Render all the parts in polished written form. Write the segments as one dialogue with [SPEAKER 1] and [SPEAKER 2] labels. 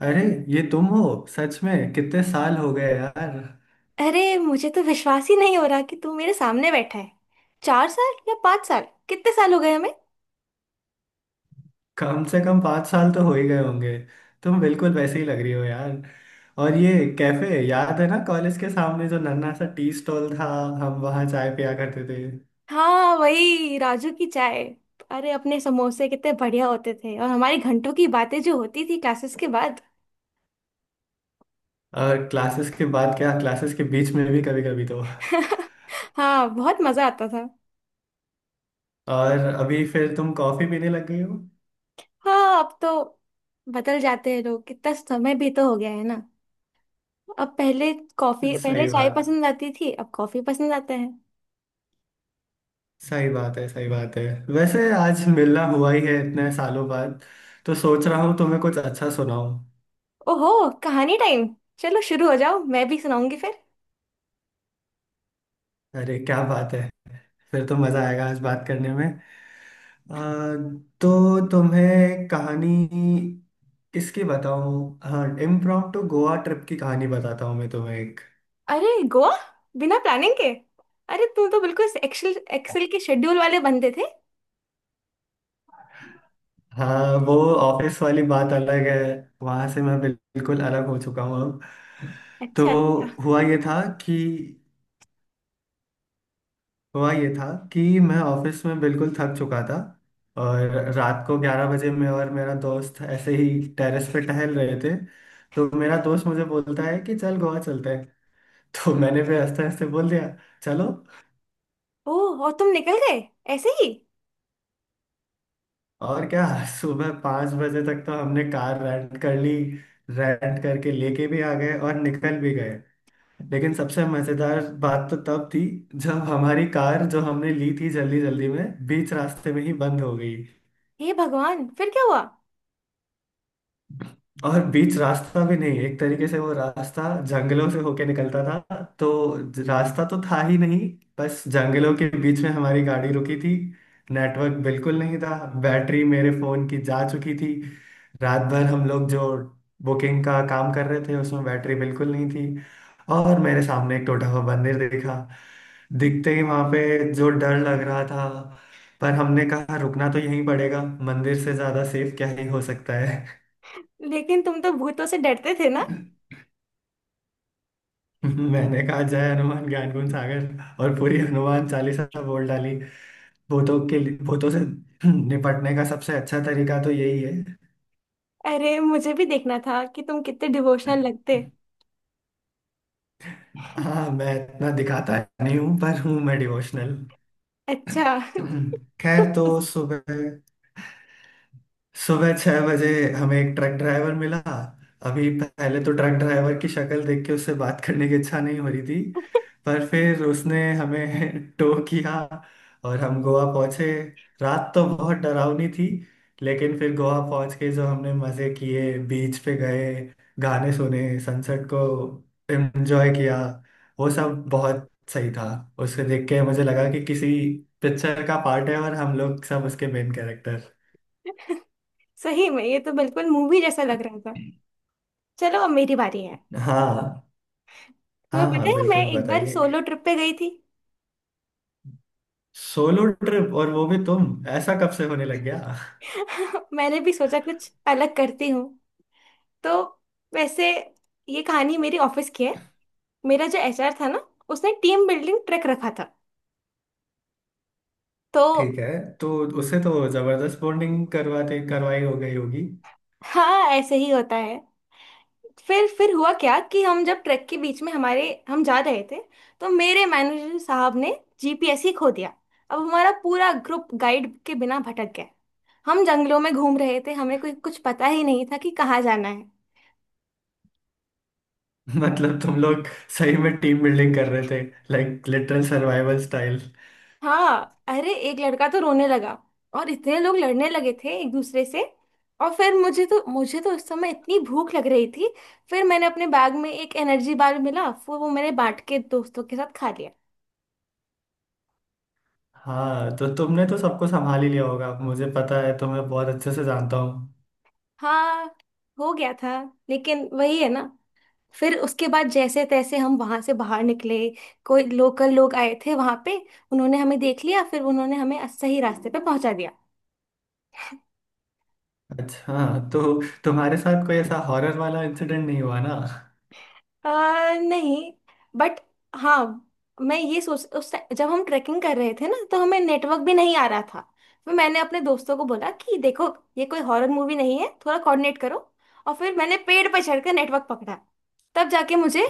[SPEAKER 1] अरे ये तुम हो। सच में कितने साल हो गए यार।
[SPEAKER 2] अरे, मुझे तो विश्वास ही नहीं हो रहा कि तू मेरे सामने बैठा है। 4 साल या 5 साल। कितने साल हो गए हमें।
[SPEAKER 1] कम से कम 5 साल तो हो ही गए होंगे। तुम बिल्कुल वैसे ही लग रही हो यार। और ये कैफे याद है ना, कॉलेज के सामने जो नन्हा सा टी स्टॉल था। हम वहाँ चाय पिया करते थे।
[SPEAKER 2] हाँ, वही राजू की चाय। अरे, अपने समोसे कितने बढ़िया होते थे और हमारी घंटों की बातें जो होती थी क्लासेस के बाद।
[SPEAKER 1] और क्लासेस के बाद क्या, क्लासेस के बीच में भी कभी कभी तो।
[SPEAKER 2] हाँ, बहुत मजा आता था।
[SPEAKER 1] और अभी फिर तुम कॉफी पीने लग गई हो।
[SPEAKER 2] हाँ, अब तो बदल जाते हैं लोग। कितना समय भी तो हो गया है ना। अब पहले कॉफी, पहले
[SPEAKER 1] सही
[SPEAKER 2] चाय
[SPEAKER 1] बात
[SPEAKER 2] पसंद आती थी, अब कॉफी पसंद आता है।
[SPEAKER 1] सही बात है, सही बात है। वैसे आज मिलना हुआ ही है इतने सालों बाद, तो सोच रहा हूँ तुम्हें कुछ अच्छा सुनाऊं।
[SPEAKER 2] ओहो, कहानी टाइम। चलो शुरू हो जाओ, मैं भी सुनाऊंगी फिर।
[SPEAKER 1] अरे क्या बात है। फिर तो मजा आएगा आज बात करने में। अ, तो तुम्हें कहानी किसकी बताऊं। हाँ, इम्प्रॉम्प्टू गोवा ट्रिप की कहानी बताता हूँ मैं तुम्हें एक।
[SPEAKER 2] अरे, गोवा, बिना प्लानिंग के। अरे, तू तो बिल्कुल एक्सेल एक्सेल के शेड्यूल वाले बंदे थे।
[SPEAKER 1] हाँ, वो ऑफिस वाली बात अलग है। वहां से मैं बिल्कुल अलग हो चुका हूँ अब। तो
[SPEAKER 2] अच्छा, अच्छा।
[SPEAKER 1] हुआ ये था कि हुआ ये था कि मैं ऑफिस में बिल्कुल थक चुका था। और रात को 11 बजे मैं और मेरा दोस्त ऐसे ही टेरेस पे टहल रहे थे। तो मेरा दोस्त मुझे बोलता है कि चल गोवा चलते हैं। तो मैंने भी हंसते हंसते बोल दिया चलो।
[SPEAKER 2] ओह, और तुम निकल गए ऐसे ही।
[SPEAKER 1] और क्या। सुबह 5 बजे तक तो हमने कार रेंट कर ली। रेंट करके लेके भी आ गए और निकल भी गए। लेकिन सबसे मजेदार बात तो तब थी, जब हमारी कार जो हमने ली थी जल्दी जल्दी में बीच रास्ते में ही बंद हो गई।
[SPEAKER 2] हे भगवान, फिर क्या हुआ।
[SPEAKER 1] और बीच रास्ता भी नहीं, एक तरीके से वो रास्ता जंगलों से होके निकलता था, तो रास्ता तो था ही नहीं। बस जंगलों के बीच में हमारी गाड़ी रुकी थी। नेटवर्क बिल्कुल नहीं था। बैटरी मेरे फोन की जा चुकी थी। रात भर हम लोग जो बुकिंग का काम कर रहे थे, उसमें बैटरी बिल्कुल नहीं थी। और मेरे सामने एक टूटा हुआ मंदिर दिखा। दिखते ही वहां पे जो डर लग रहा था, पर हमने कहा रुकना तो यहीं पड़ेगा। मंदिर से ज्यादा सेफ क्या ही हो सकता है।
[SPEAKER 2] लेकिन तुम तो भूतों से डरते थे ना।
[SPEAKER 1] मैंने कहा जय हनुमान ज्ञान गुण सागर, और पूरी हनुमान चालीसा बोल डाली। भूतों से निपटने का सबसे अच्छा तरीका तो यही है।
[SPEAKER 2] अरे, मुझे भी देखना था कि तुम कितने डिवोशनल लगते।
[SPEAKER 1] हाँ, मैं इतना दिखाता नहीं हूँ, पर हूँ मैं डिवोशनल।
[SPEAKER 2] अच्छा।
[SPEAKER 1] खैर तो सुबह, सुबह 6 बजे हमें एक ट्रक ड्राइवर मिला। अभी पहले तो ट्रक ड्राइवर की शक्ल देख के उससे बात करने की इच्छा नहीं हो रही थी। पर फिर उसने हमें टो किया और हम गोवा पहुंचे। रात तो बहुत डरावनी थी। लेकिन फिर गोवा पहुंच के जो हमने मजे किए, बीच पे गए, गाने सुने, सनसेट को एंजॉय किया, वो सब बहुत सही था। उसको देख के मुझे लगा कि किसी पिक्चर का पार्ट है, और हम लोग सब उसके मेन कैरेक्टर।
[SPEAKER 2] सही में ये तो बिल्कुल मूवी जैसा लग रहा था। चलो, अब मेरी बारी है।
[SPEAKER 1] हाँ,
[SPEAKER 2] तुम्हें
[SPEAKER 1] हाँ,
[SPEAKER 2] पता
[SPEAKER 1] हाँ,
[SPEAKER 2] है, मैं
[SPEAKER 1] बिल्कुल
[SPEAKER 2] एक बार
[SPEAKER 1] बताइए।
[SPEAKER 2] सोलो ट्रिप पे गई थी।
[SPEAKER 1] सोलो ट्रिप और वो भी तुम, ऐसा कब से होने लग गया?
[SPEAKER 2] मैंने भी सोचा कुछ अलग करती हूँ। तो, वैसे, ये कहानी मेरी ऑफिस की है। मेरा जो एचआर था ना, उसने टीम बिल्डिंग ट्रैक रखा था। तो
[SPEAKER 1] ठीक है। तो उससे तो जबरदस्त बॉन्डिंग करवाते करवाई हो गई होगी।
[SPEAKER 2] हाँ, ऐसे ही होता है। फिर हुआ क्या कि हम जब ट्रैक के बीच में हमारे हम जा रहे थे, तो मेरे मैनेजर साहब ने जीपीएस ही खो दिया। अब हमारा पूरा ग्रुप गाइड के बिना भटक गया। हम जंगलों में घूम रहे थे, हमें कोई कुछ पता ही नहीं था कि कहाँ जाना है।
[SPEAKER 1] मतलब तुम लोग सही में टीम बिल्डिंग कर रहे थे। Like literal survival style.
[SPEAKER 2] हाँ, अरे एक लड़का तो रोने लगा। और इतने लोग लड़ने लगे थे एक दूसरे से। और फिर मुझे तो उस समय इतनी भूख लग रही थी। फिर मैंने अपने बैग में एक एनर्जी बार मिला, फिर वो मैंने बांट के दोस्तों के साथ खा लिया।
[SPEAKER 1] हाँ, तो तुमने तो सबको संभाल ही लिया होगा, मुझे पता है, तुम्हें बहुत अच्छे से जानता हूँ।
[SPEAKER 2] हाँ, हो गया था। लेकिन वही है ना। फिर उसके बाद जैसे तैसे हम वहां से बाहर निकले। कोई लोकल लोग आए थे वहां पे, उन्होंने हमें देख लिया, फिर उन्होंने हमें सही रास्ते पे पहुंचा दिया।
[SPEAKER 1] अच्छा हाँ, तो तुम्हारे साथ कोई ऐसा हॉरर वाला इंसिडेंट नहीं हुआ ना?
[SPEAKER 2] नहीं। बट हाँ, मैं ये सोच उस टाइम जब हम ट्रैकिंग कर रहे थे ना, तो हमें नेटवर्क भी नहीं आ रहा था। फिर मैंने अपने दोस्तों को बोला कि देखो, ये कोई हॉरर मूवी नहीं है, थोड़ा कोऑर्डिनेट करो। और फिर मैंने पेड़ पर चढ़कर नेटवर्क पकड़ा। तब जाके मुझे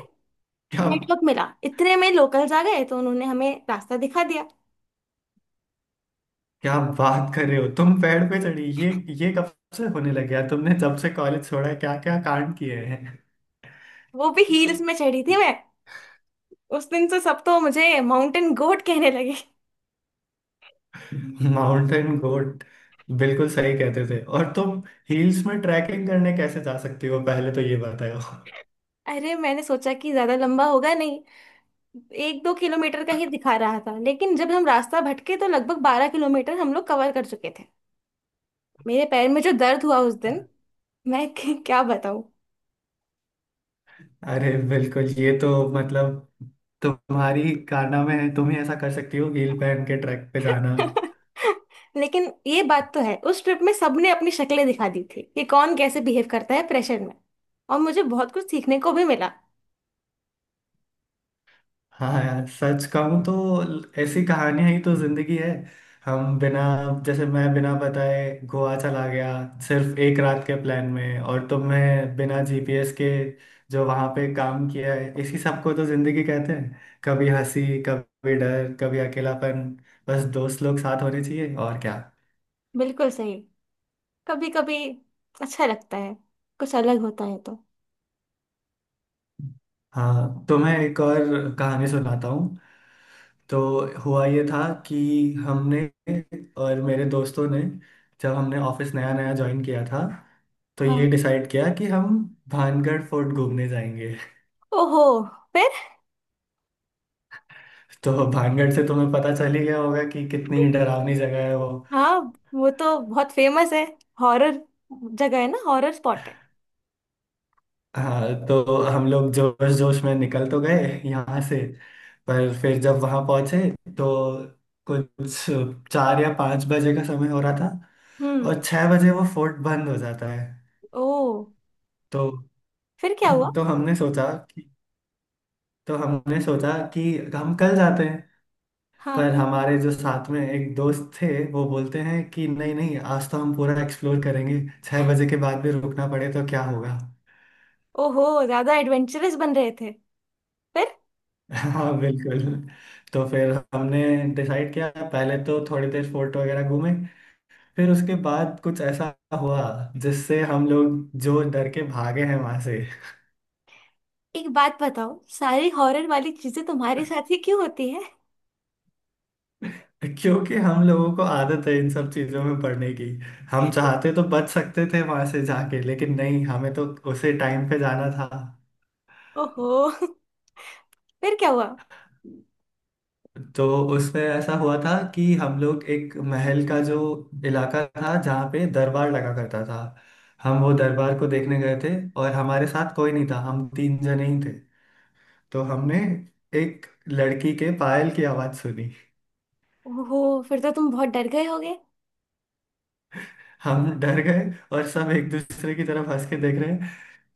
[SPEAKER 1] क्या?
[SPEAKER 2] नेटवर्क मिला, इतने में लोकल्स आ गए तो उन्होंने हमें रास्ता दिखा दिया।
[SPEAKER 1] क्या बात कर रहे हो, तुम पेड़ पे चढ़ी? ये कब से होने लग गया? तुमने जब से कॉलेज छोड़ा है क्या क्या कांड किए हैं।
[SPEAKER 2] वो भी हील्स में चढ़ी थी मैं। उस दिन से सब तो मुझे माउंटेन गोट कहने लगे।
[SPEAKER 1] माउंटेन गोट, बिल्कुल सही कहते थे। और तुम हिल्स में ट्रैकिंग करने कैसे जा सकती हो, पहले तो ये बताओ।
[SPEAKER 2] अरे, मैंने सोचा कि ज्यादा लंबा होगा नहीं। 1-2 किलोमीटर का ही दिखा रहा था, लेकिन जब हम रास्ता भटके तो लगभग 12 किलोमीटर हम लोग कवर कर चुके थे। मेरे पैर में जो दर्द हुआ उस दिन, मैं क्या बताऊं।
[SPEAKER 1] अरे बिल्कुल, ये तो मतलब तुम्हारी काना में है, तुम ही ऐसा कर सकती हो, हील पहन के ट्रैक पे जाना।
[SPEAKER 2] लेकिन ये बात तो है, उस ट्रिप में सबने अपनी शक्लें दिखा दी थी कि कौन कैसे बिहेव करता है प्रेशर में। और मुझे बहुत कुछ सीखने को भी मिला।
[SPEAKER 1] हाँ यार, सच कहूँ तो ऐसी कहानियां ही तो जिंदगी है। हम बिना जैसे मैं बिना बताए गोवा चला गया, सिर्फ एक रात के प्लान में, और तुमने बिना जीपीएस के जो वहां पे काम किया है, इसी सबको तो जिंदगी कहते हैं। कभी हंसी, कभी डर, कभी अकेलापन। बस दोस्त लोग साथ होने चाहिए, और क्या।
[SPEAKER 2] बिल्कुल सही। कभी कभी अच्छा लगता है, कुछ अलग होता है तो।
[SPEAKER 1] हाँ, तो मैं एक और कहानी सुनाता हूँ। तो हुआ ये था कि हमने और मेरे दोस्तों ने, जब हमने ऑफिस नया नया ज्वाइन किया था, तो ये
[SPEAKER 2] हाँ।
[SPEAKER 1] डिसाइड किया कि हम भानगढ़ फोर्ट घूमने जाएंगे।
[SPEAKER 2] ओहो, फिर।
[SPEAKER 1] तो भानगढ़ से तुम्हें पता चल ही गया होगा कि कितनी डरावनी जगह है वो।
[SPEAKER 2] हाँ, वो तो बहुत फेमस है। हॉरर जगह है ना, हॉरर स्पॉट है।
[SPEAKER 1] हाँ, तो हम लोग जोश जोश में निकल तो गए यहाँ से। पर फिर जब वहाँ पहुँचे, तो कुछ 4 या 5 बजे का समय हो रहा था।
[SPEAKER 2] हम्म।
[SPEAKER 1] और 6 बजे वो फोर्ट बंद हो जाता है।
[SPEAKER 2] ओ।
[SPEAKER 1] तो
[SPEAKER 2] फिर क्या हुआ।
[SPEAKER 1] तो हमने सोचा कि तो हमने सोचा कि हम कल जाते हैं।
[SPEAKER 2] हाँ।
[SPEAKER 1] पर हमारे जो साथ में एक दोस्त थे, वो बोलते हैं कि नहीं नहीं, आज तो हम पूरा एक्सप्लोर करेंगे, 6 बजे के बाद भी रुकना पड़े तो क्या होगा।
[SPEAKER 2] ओहो, ज्यादा एडवेंचरस बन रहे थे। फिर।
[SPEAKER 1] हाँ बिल्कुल। तो फिर हमने डिसाइड किया, पहले तो थोड़ी देर फोर्ट वगैरह घूमे, फिर उसके बाद कुछ ऐसा हुआ जिससे हम लोग जो डर के भागे हैं वहां से।
[SPEAKER 2] एक बात बताओ, सारी हॉरर वाली चीजें तुम्हारे साथ ही क्यों होती है।
[SPEAKER 1] क्योंकि हम लोगों को आदत है इन सब चीजों में पढ़ने की। हम चाहते तो बच सकते थे वहां से जाके, लेकिन नहीं, हमें तो उसे टाइम पे जाना था।
[SPEAKER 2] ओहो। फिर क्या हुआ।
[SPEAKER 1] तो उसमें ऐसा हुआ था कि हम लोग एक महल का जो इलाका था, जहाँ पे दरबार लगा करता था, हम वो दरबार को देखने गए थे। और हमारे साथ कोई नहीं था, हम तीन जने ही थे। तो हमने एक लड़की के पायल की आवाज सुनी।
[SPEAKER 2] ओहो, फिर तो तुम बहुत डर गए होगे।
[SPEAKER 1] हम डर गए, और सब एक दूसरे की तरफ हंस के देख रहे हैं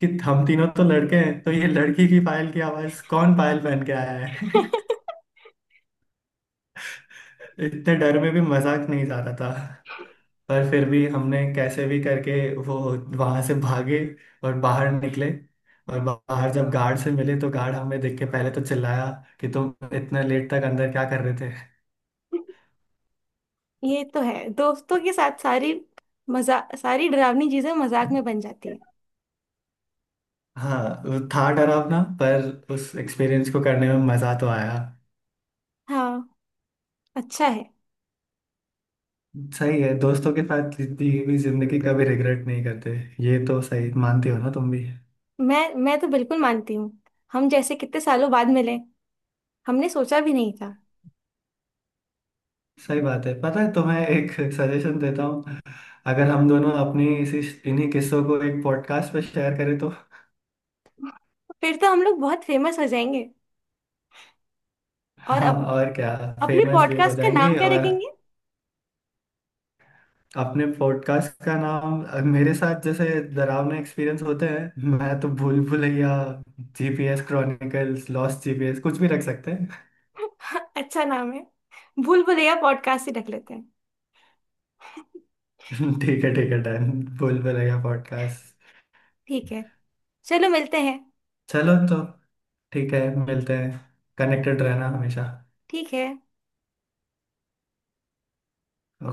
[SPEAKER 1] कि हम तीनों तो लड़के हैं, तो ये लड़की की पायल की आवाज कौन पायल पहन के आया है? इतने डर में भी मजाक नहीं जा रहा था। पर फिर भी हमने कैसे भी करके वो वहां से भागे और बाहर निकले। और बाहर जब गार्ड से मिले, तो गार्ड हमें देख के पहले तो चिल्लाया कि तुम इतने लेट तक अंदर क्या कर रहे थे।
[SPEAKER 2] ये तो है, दोस्तों के साथ सारी मजा सारी डरावनी चीजें मजाक में बन जाती हैं।
[SPEAKER 1] हाँ, वो था डरावना, पर उस एक्सपीरियंस को करने में मजा तो आया।
[SPEAKER 2] हाँ। अच्छा है।
[SPEAKER 1] सही है, दोस्तों के साथ जीती हुई जिंदगी का भी रिग्रेट नहीं करते। ये तो सही मानती हो ना तुम भी।
[SPEAKER 2] मैं तो बिल्कुल मानती हूँ। हम जैसे कितने सालों बाद मिले, हमने सोचा भी नहीं था।
[SPEAKER 1] सही बात है। पता है, तुम्हें एक सजेशन देता हूँ। अगर हम दोनों अपनी इसी इन्हीं किस्सों को एक पॉडकास्ट पर शेयर करें तो?
[SPEAKER 2] फिर तो हम लोग बहुत फेमस हो जाएंगे। और
[SPEAKER 1] हाँ, और क्या।
[SPEAKER 2] अपने
[SPEAKER 1] फेमस भी हो
[SPEAKER 2] पॉडकास्ट का
[SPEAKER 1] जाएंगे,
[SPEAKER 2] नाम क्या
[SPEAKER 1] और
[SPEAKER 2] रखेंगे।
[SPEAKER 1] अपने पॉडकास्ट का नाम, मेरे साथ जैसे डरावना एक्सपीरियंस होते हैं, मैं तो Bhool Bhulaiyaa, GPS chronicles, lost GPS, कुछ भी रख सकते हैं।
[SPEAKER 2] अच्छा नाम है। भूल भुलैया पॉडकास्ट ही रख लेते हैं।
[SPEAKER 1] ठीक है, ठीक है, डन। भूल भुलैया पॉडकास्ट।
[SPEAKER 2] ठीक है। चलो मिलते हैं।
[SPEAKER 1] चलो तो, ठीक है,
[SPEAKER 2] ठीक
[SPEAKER 1] मिलते
[SPEAKER 2] है,
[SPEAKER 1] हैं। कनेक्टेड रहना हमेशा।
[SPEAKER 2] ठीक है।